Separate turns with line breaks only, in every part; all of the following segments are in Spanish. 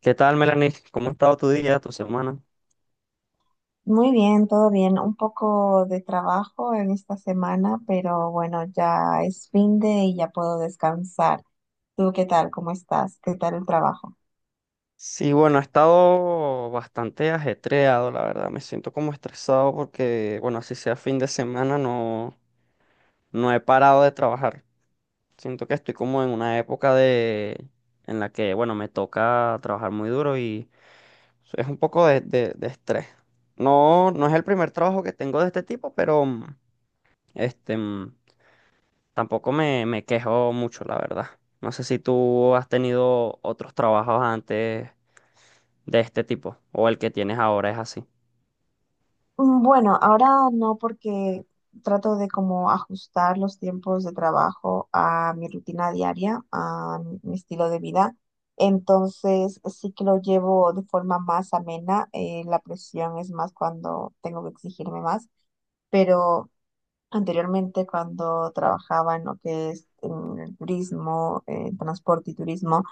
¿Qué tal, Melanie? ¿Cómo ha estado tu día, tu semana?
Muy bien, todo bien. Un poco de trabajo en esta semana, pero bueno, ya es fin de y ya puedo descansar. ¿Tú qué tal? ¿Cómo estás? ¿Qué tal el trabajo?
Sí, bueno, ha estado bastante ajetreado, la verdad. Me siento como estresado porque, bueno, así sea fin de semana, no, no he parado de trabajar. Siento que estoy como en una época de, en la que, bueno, me toca trabajar muy duro y es un poco de estrés. No, no es el primer trabajo que tengo de este tipo, pero este, mm, tampoco me quejo mucho, la verdad. No sé si tú has tenido otros trabajos antes de este tipo, o el que tienes ahora es así.
Bueno, ahora no porque trato de como ajustar los tiempos de trabajo a mi rutina diaria, a mi estilo de vida. Entonces sí que lo llevo de forma más amena. La presión es más cuando tengo que exigirme más, pero anteriormente, cuando trabajaba en lo que es en el turismo, en transporte y turismo,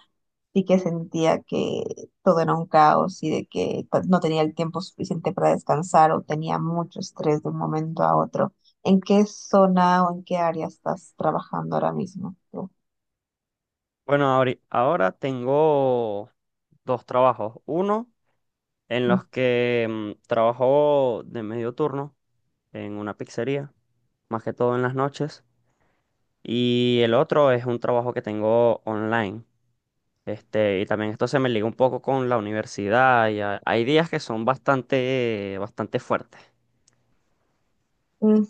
sí que sentía que todo era un caos y de que pues, no tenía el tiempo suficiente para descansar o tenía mucho estrés de un momento a otro. ¿En qué zona o en qué área estás trabajando ahora mismo tú?
Bueno, ahora tengo dos trabajos. Uno en los que trabajo de medio turno en una pizzería, más que todo en las noches. Y el otro es un trabajo que tengo online. Este, y también esto se me liga un poco con la universidad. Y hay días que son bastante, bastante fuertes.
Ujú.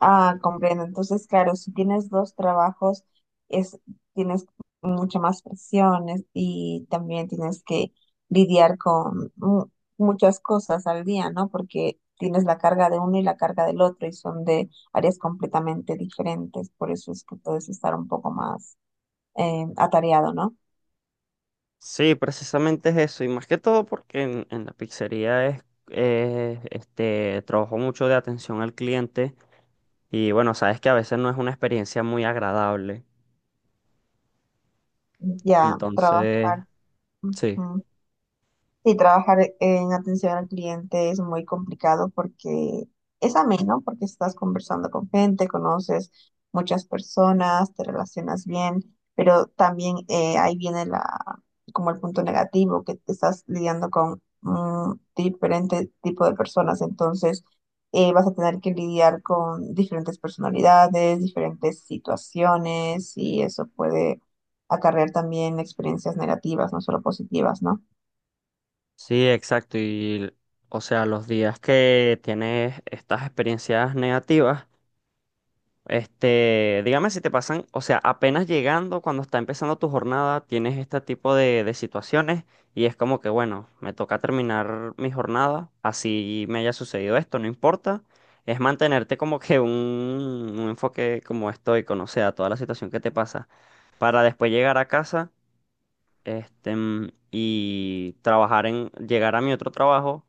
Ah, comprendo. Entonces, claro, si tienes dos trabajos, es, tienes mucha más presiones y también tienes que lidiar con muchas cosas al día, ¿no? Porque tienes la carga de uno y la carga del otro y son de áreas completamente diferentes. Por eso es que puedes estar un poco más atareado, ¿no?
Sí, precisamente es eso, y más que todo porque en la pizzería es, este, trabajo mucho de atención al cliente y bueno, sabes que a veces no es una experiencia muy agradable,
Ya,
entonces,
trabajar.
sí,
Sí, trabajar en atención al cliente es muy complicado porque es ameno, porque estás conversando con gente, conoces muchas personas, te relacionas bien, pero también ahí viene la, como el punto negativo, que te estás lidiando con diferente tipo de personas, entonces vas a tener que lidiar con diferentes personalidades, diferentes situaciones y eso puede acarrear también experiencias negativas, no solo positivas, ¿no?
sí, exacto, y o sea, los días que tienes estas experiencias negativas, este, dígame si te pasan, o sea, apenas llegando, cuando está empezando tu jornada, tienes este tipo de situaciones y es como que, bueno, me toca terminar mi jornada, así me haya sucedido esto, no importa. Es mantenerte como que un enfoque como estoico, no sea, toda la situación que te pasa, para después llegar a casa, este, y trabajar en, llegar a mi otro trabajo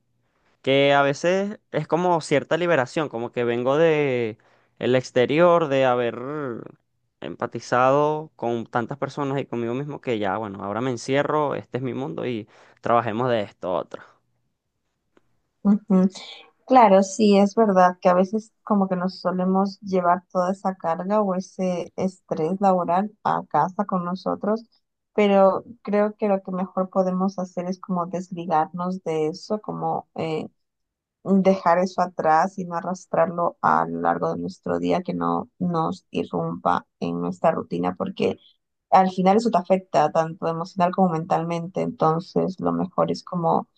que a veces es como cierta liberación, como que vengo de el exterior, de haber empatizado con tantas personas y conmigo mismo que ya, bueno, ahora me encierro, este es mi mundo y trabajemos de esto otro.
Ujú. Claro, sí, es verdad que a veces como que nos solemos llevar toda esa carga o ese estrés laboral a casa con nosotros, pero creo que lo que mejor podemos hacer es como desligarnos de eso, como dejar eso atrás y no arrastrarlo a lo largo de nuestro día, que no nos irrumpa en nuestra rutina, porque al final eso te afecta tanto emocional como mentalmente, entonces lo mejor es como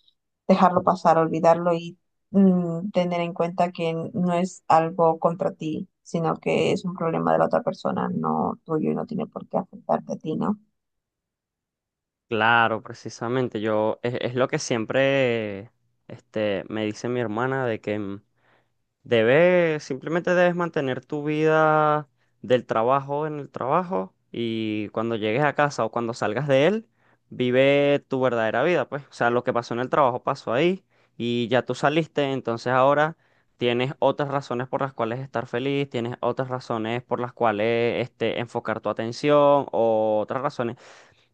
dejarlo pasar, olvidarlo y tener en cuenta que no es algo contra ti, sino que es un problema de la otra persona, no tuyo y no tiene por qué afectarte a ti, ¿no?
Claro, precisamente, yo es lo que siempre este, me dice mi hermana de que debes, simplemente debes mantener tu vida del trabajo en el trabajo y cuando llegues a casa o cuando salgas de él, vive tu verdadera vida, pues. O sea, lo que pasó en el trabajo pasó ahí y ya tú saliste, entonces ahora tienes otras razones por las cuales estar feliz, tienes otras razones por las cuales este, enfocar tu atención o otras razones.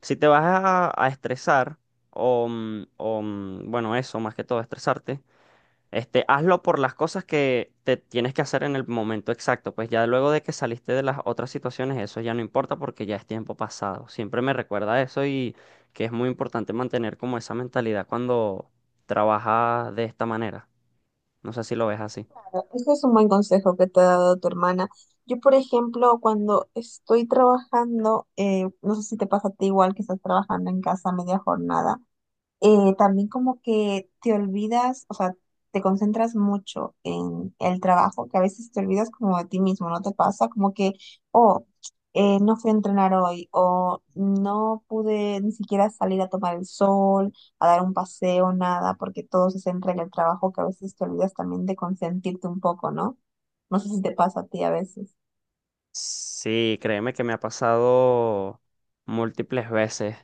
Si te vas a estresar o, o, bueno, eso más que todo, estresarte este, hazlo por las cosas que te tienes que hacer en el momento exacto. Pues ya luego de que saliste de las otras situaciones, eso ya no importa porque ya es tiempo pasado. Siempre me recuerda eso y que es muy importante mantener como esa mentalidad cuando trabajas de esta manera. No sé si lo ves así.
Claro, ese es un buen consejo que te ha dado tu hermana. Yo, por ejemplo, cuando estoy trabajando, no sé si te pasa a ti igual que estás trabajando en casa a media jornada. También como que te olvidas, o sea, te concentras mucho en el trabajo, que a veces te olvidas como de ti mismo, ¿no te pasa? Como que, oh, no fui a entrenar hoy, o no pude ni siquiera salir a tomar el sol, a dar un paseo, nada, porque todo se centra en el trabajo, que a veces te olvidas también de consentirte un poco, ¿no? No sé si te pasa a ti a veces.
Sí, créeme que me ha pasado múltiples veces.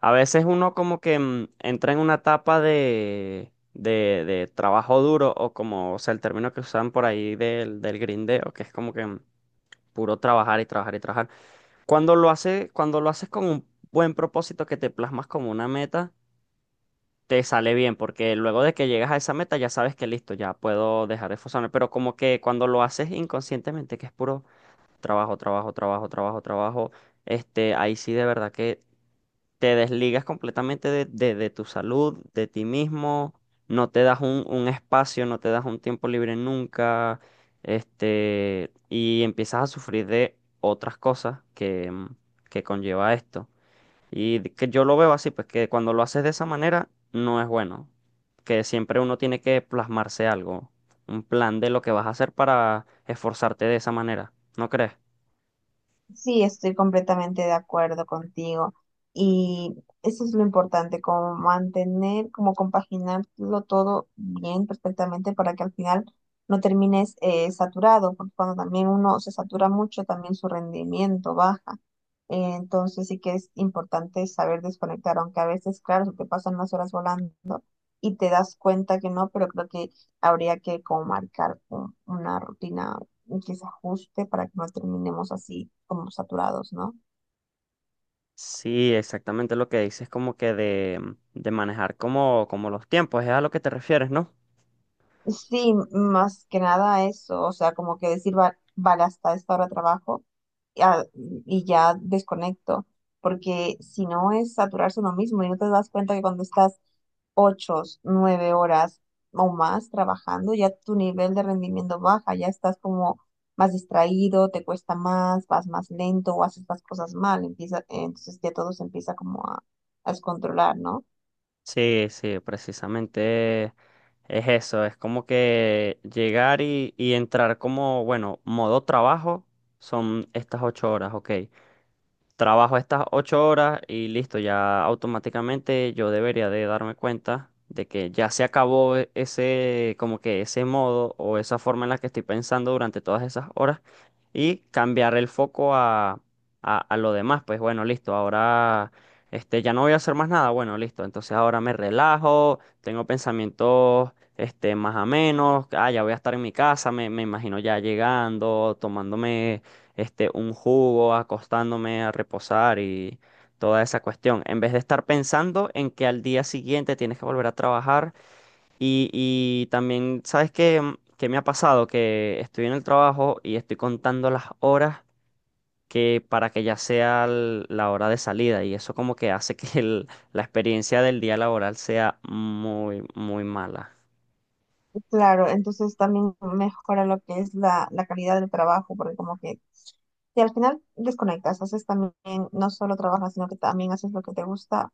A veces uno como que entra en una etapa de trabajo duro o como, o sea, el término que usan por ahí del grindeo, que es como que puro trabajar y trabajar y trabajar. Cuando lo hace, cuando lo haces con un buen propósito que te plasmas como una meta, te sale bien, porque luego de que llegas a esa meta ya sabes que listo, ya puedo dejar de esforzarme, pero como que cuando lo haces inconscientemente, que es puro trabajo, trabajo, trabajo, trabajo, trabajo. Este, ahí sí de verdad que te desligas completamente de, de tu salud, de ti mismo, no te das un espacio, no te das un tiempo libre nunca, este, y empiezas a sufrir de otras cosas que, que conlleva esto. Que yo lo veo así, pues que cuando lo haces de esa manera, no es bueno, que siempre uno tiene que plasmarse algo, un plan de lo que vas a hacer para esforzarte de esa manera, ¿no crees?
Sí, estoy completamente de acuerdo contigo. Y eso es lo importante, como mantener, como compaginarlo todo bien, perfectamente, para que al final no termines saturado, porque cuando también uno se satura mucho, también su rendimiento baja. Entonces sí que es importante saber desconectar, aunque a veces, claro, se te pasan las horas volando y te das cuenta que no, pero creo que habría que como marcar una rutina y que se ajuste para que no terminemos así como saturados, ¿no?
Sí, exactamente lo que dices, como que de manejar como, como los tiempos, es a lo que te refieres, ¿no?
Sí, más que nada eso, o sea, como que decir, vale, hasta esta hora trabajo y, a- y ya desconecto, porque si no es saturarse uno mismo y no te das cuenta que cuando estás 8, 9 horas o más trabajando, ya tu nivel de rendimiento baja, ya estás como más distraído, te cuesta más, vas más lento o haces las cosas mal, empieza, entonces ya todo se empieza como a descontrolar, ¿no?
Sí, sí, precisamente es eso, es como que llegar y entrar como, bueno, modo trabajo son estas ocho horas, ok. Trabajo estas ocho horas y listo, ya automáticamente yo debería de darme cuenta de que ya se acabó ese, como que ese modo o esa forma en la que estoy pensando durante todas esas horas y cambiar el foco a, a lo demás. Pues bueno, listo, ahora este, ya no voy a hacer más nada. Bueno, listo, entonces ahora me relajo, tengo pensamientos este, más amenos. Ah, ya voy a estar en mi casa, me imagino ya llegando, tomándome este, un jugo, acostándome a reposar y toda esa cuestión, en vez de estar pensando en que al día siguiente tienes que volver a trabajar y también, ¿sabes qué? ¿Qué me ha pasado? Que estoy en el trabajo y estoy contando las horas que para que ya sea la hora de salida y eso como que hace que la experiencia del día laboral sea muy, muy mala.
Claro, entonces también mejora lo que es la, la calidad del trabajo, porque como que si al final desconectas, haces también, no solo trabajas, sino que también haces lo que te gusta,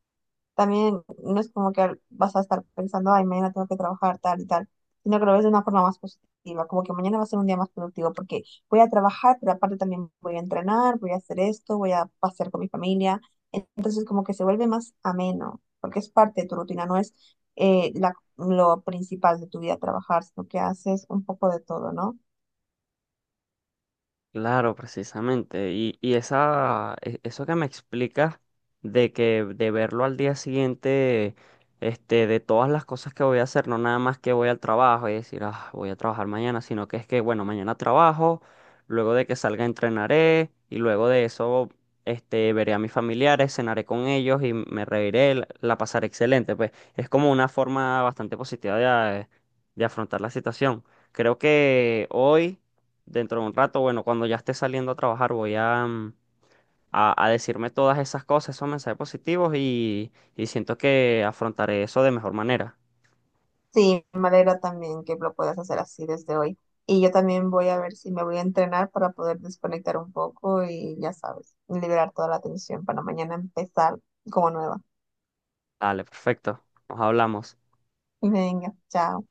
también no es como que vas a estar pensando, ay, mañana tengo que trabajar tal y tal, sino que lo ves de una forma más positiva, como que mañana va a ser un día más productivo porque voy a trabajar, pero aparte también voy a entrenar, voy a hacer esto, voy a pasear con mi familia. Entonces como que se vuelve más ameno, porque es parte de tu rutina, no es lo principal de tu vida trabajar, sino que haces un poco de todo, ¿no?
Claro, precisamente. Y esa, eso que me explicas de que de verlo al día siguiente, este, de todas las cosas que voy a hacer, no nada más que voy al trabajo y decir, ah, voy a trabajar mañana, sino que es que, bueno, mañana trabajo, luego de que salga entrenaré y luego de eso, este, veré a mis familiares, cenaré con ellos y me reiré, la pasaré excelente. Pues es como una forma bastante positiva de, de afrontar la situación. Creo que hoy. Dentro de un rato, bueno, cuando ya esté saliendo a trabajar, voy a, a decirme todas esas cosas, esos mensajes positivos y siento que afrontaré eso de mejor manera.
Sí, me alegra también que lo puedas hacer así desde hoy. Y yo también voy a ver si me voy a entrenar para poder desconectar un poco y ya sabes, liberar toda la tensión para mañana empezar como nueva.
Dale, perfecto. Nos hablamos.
Venga, chao.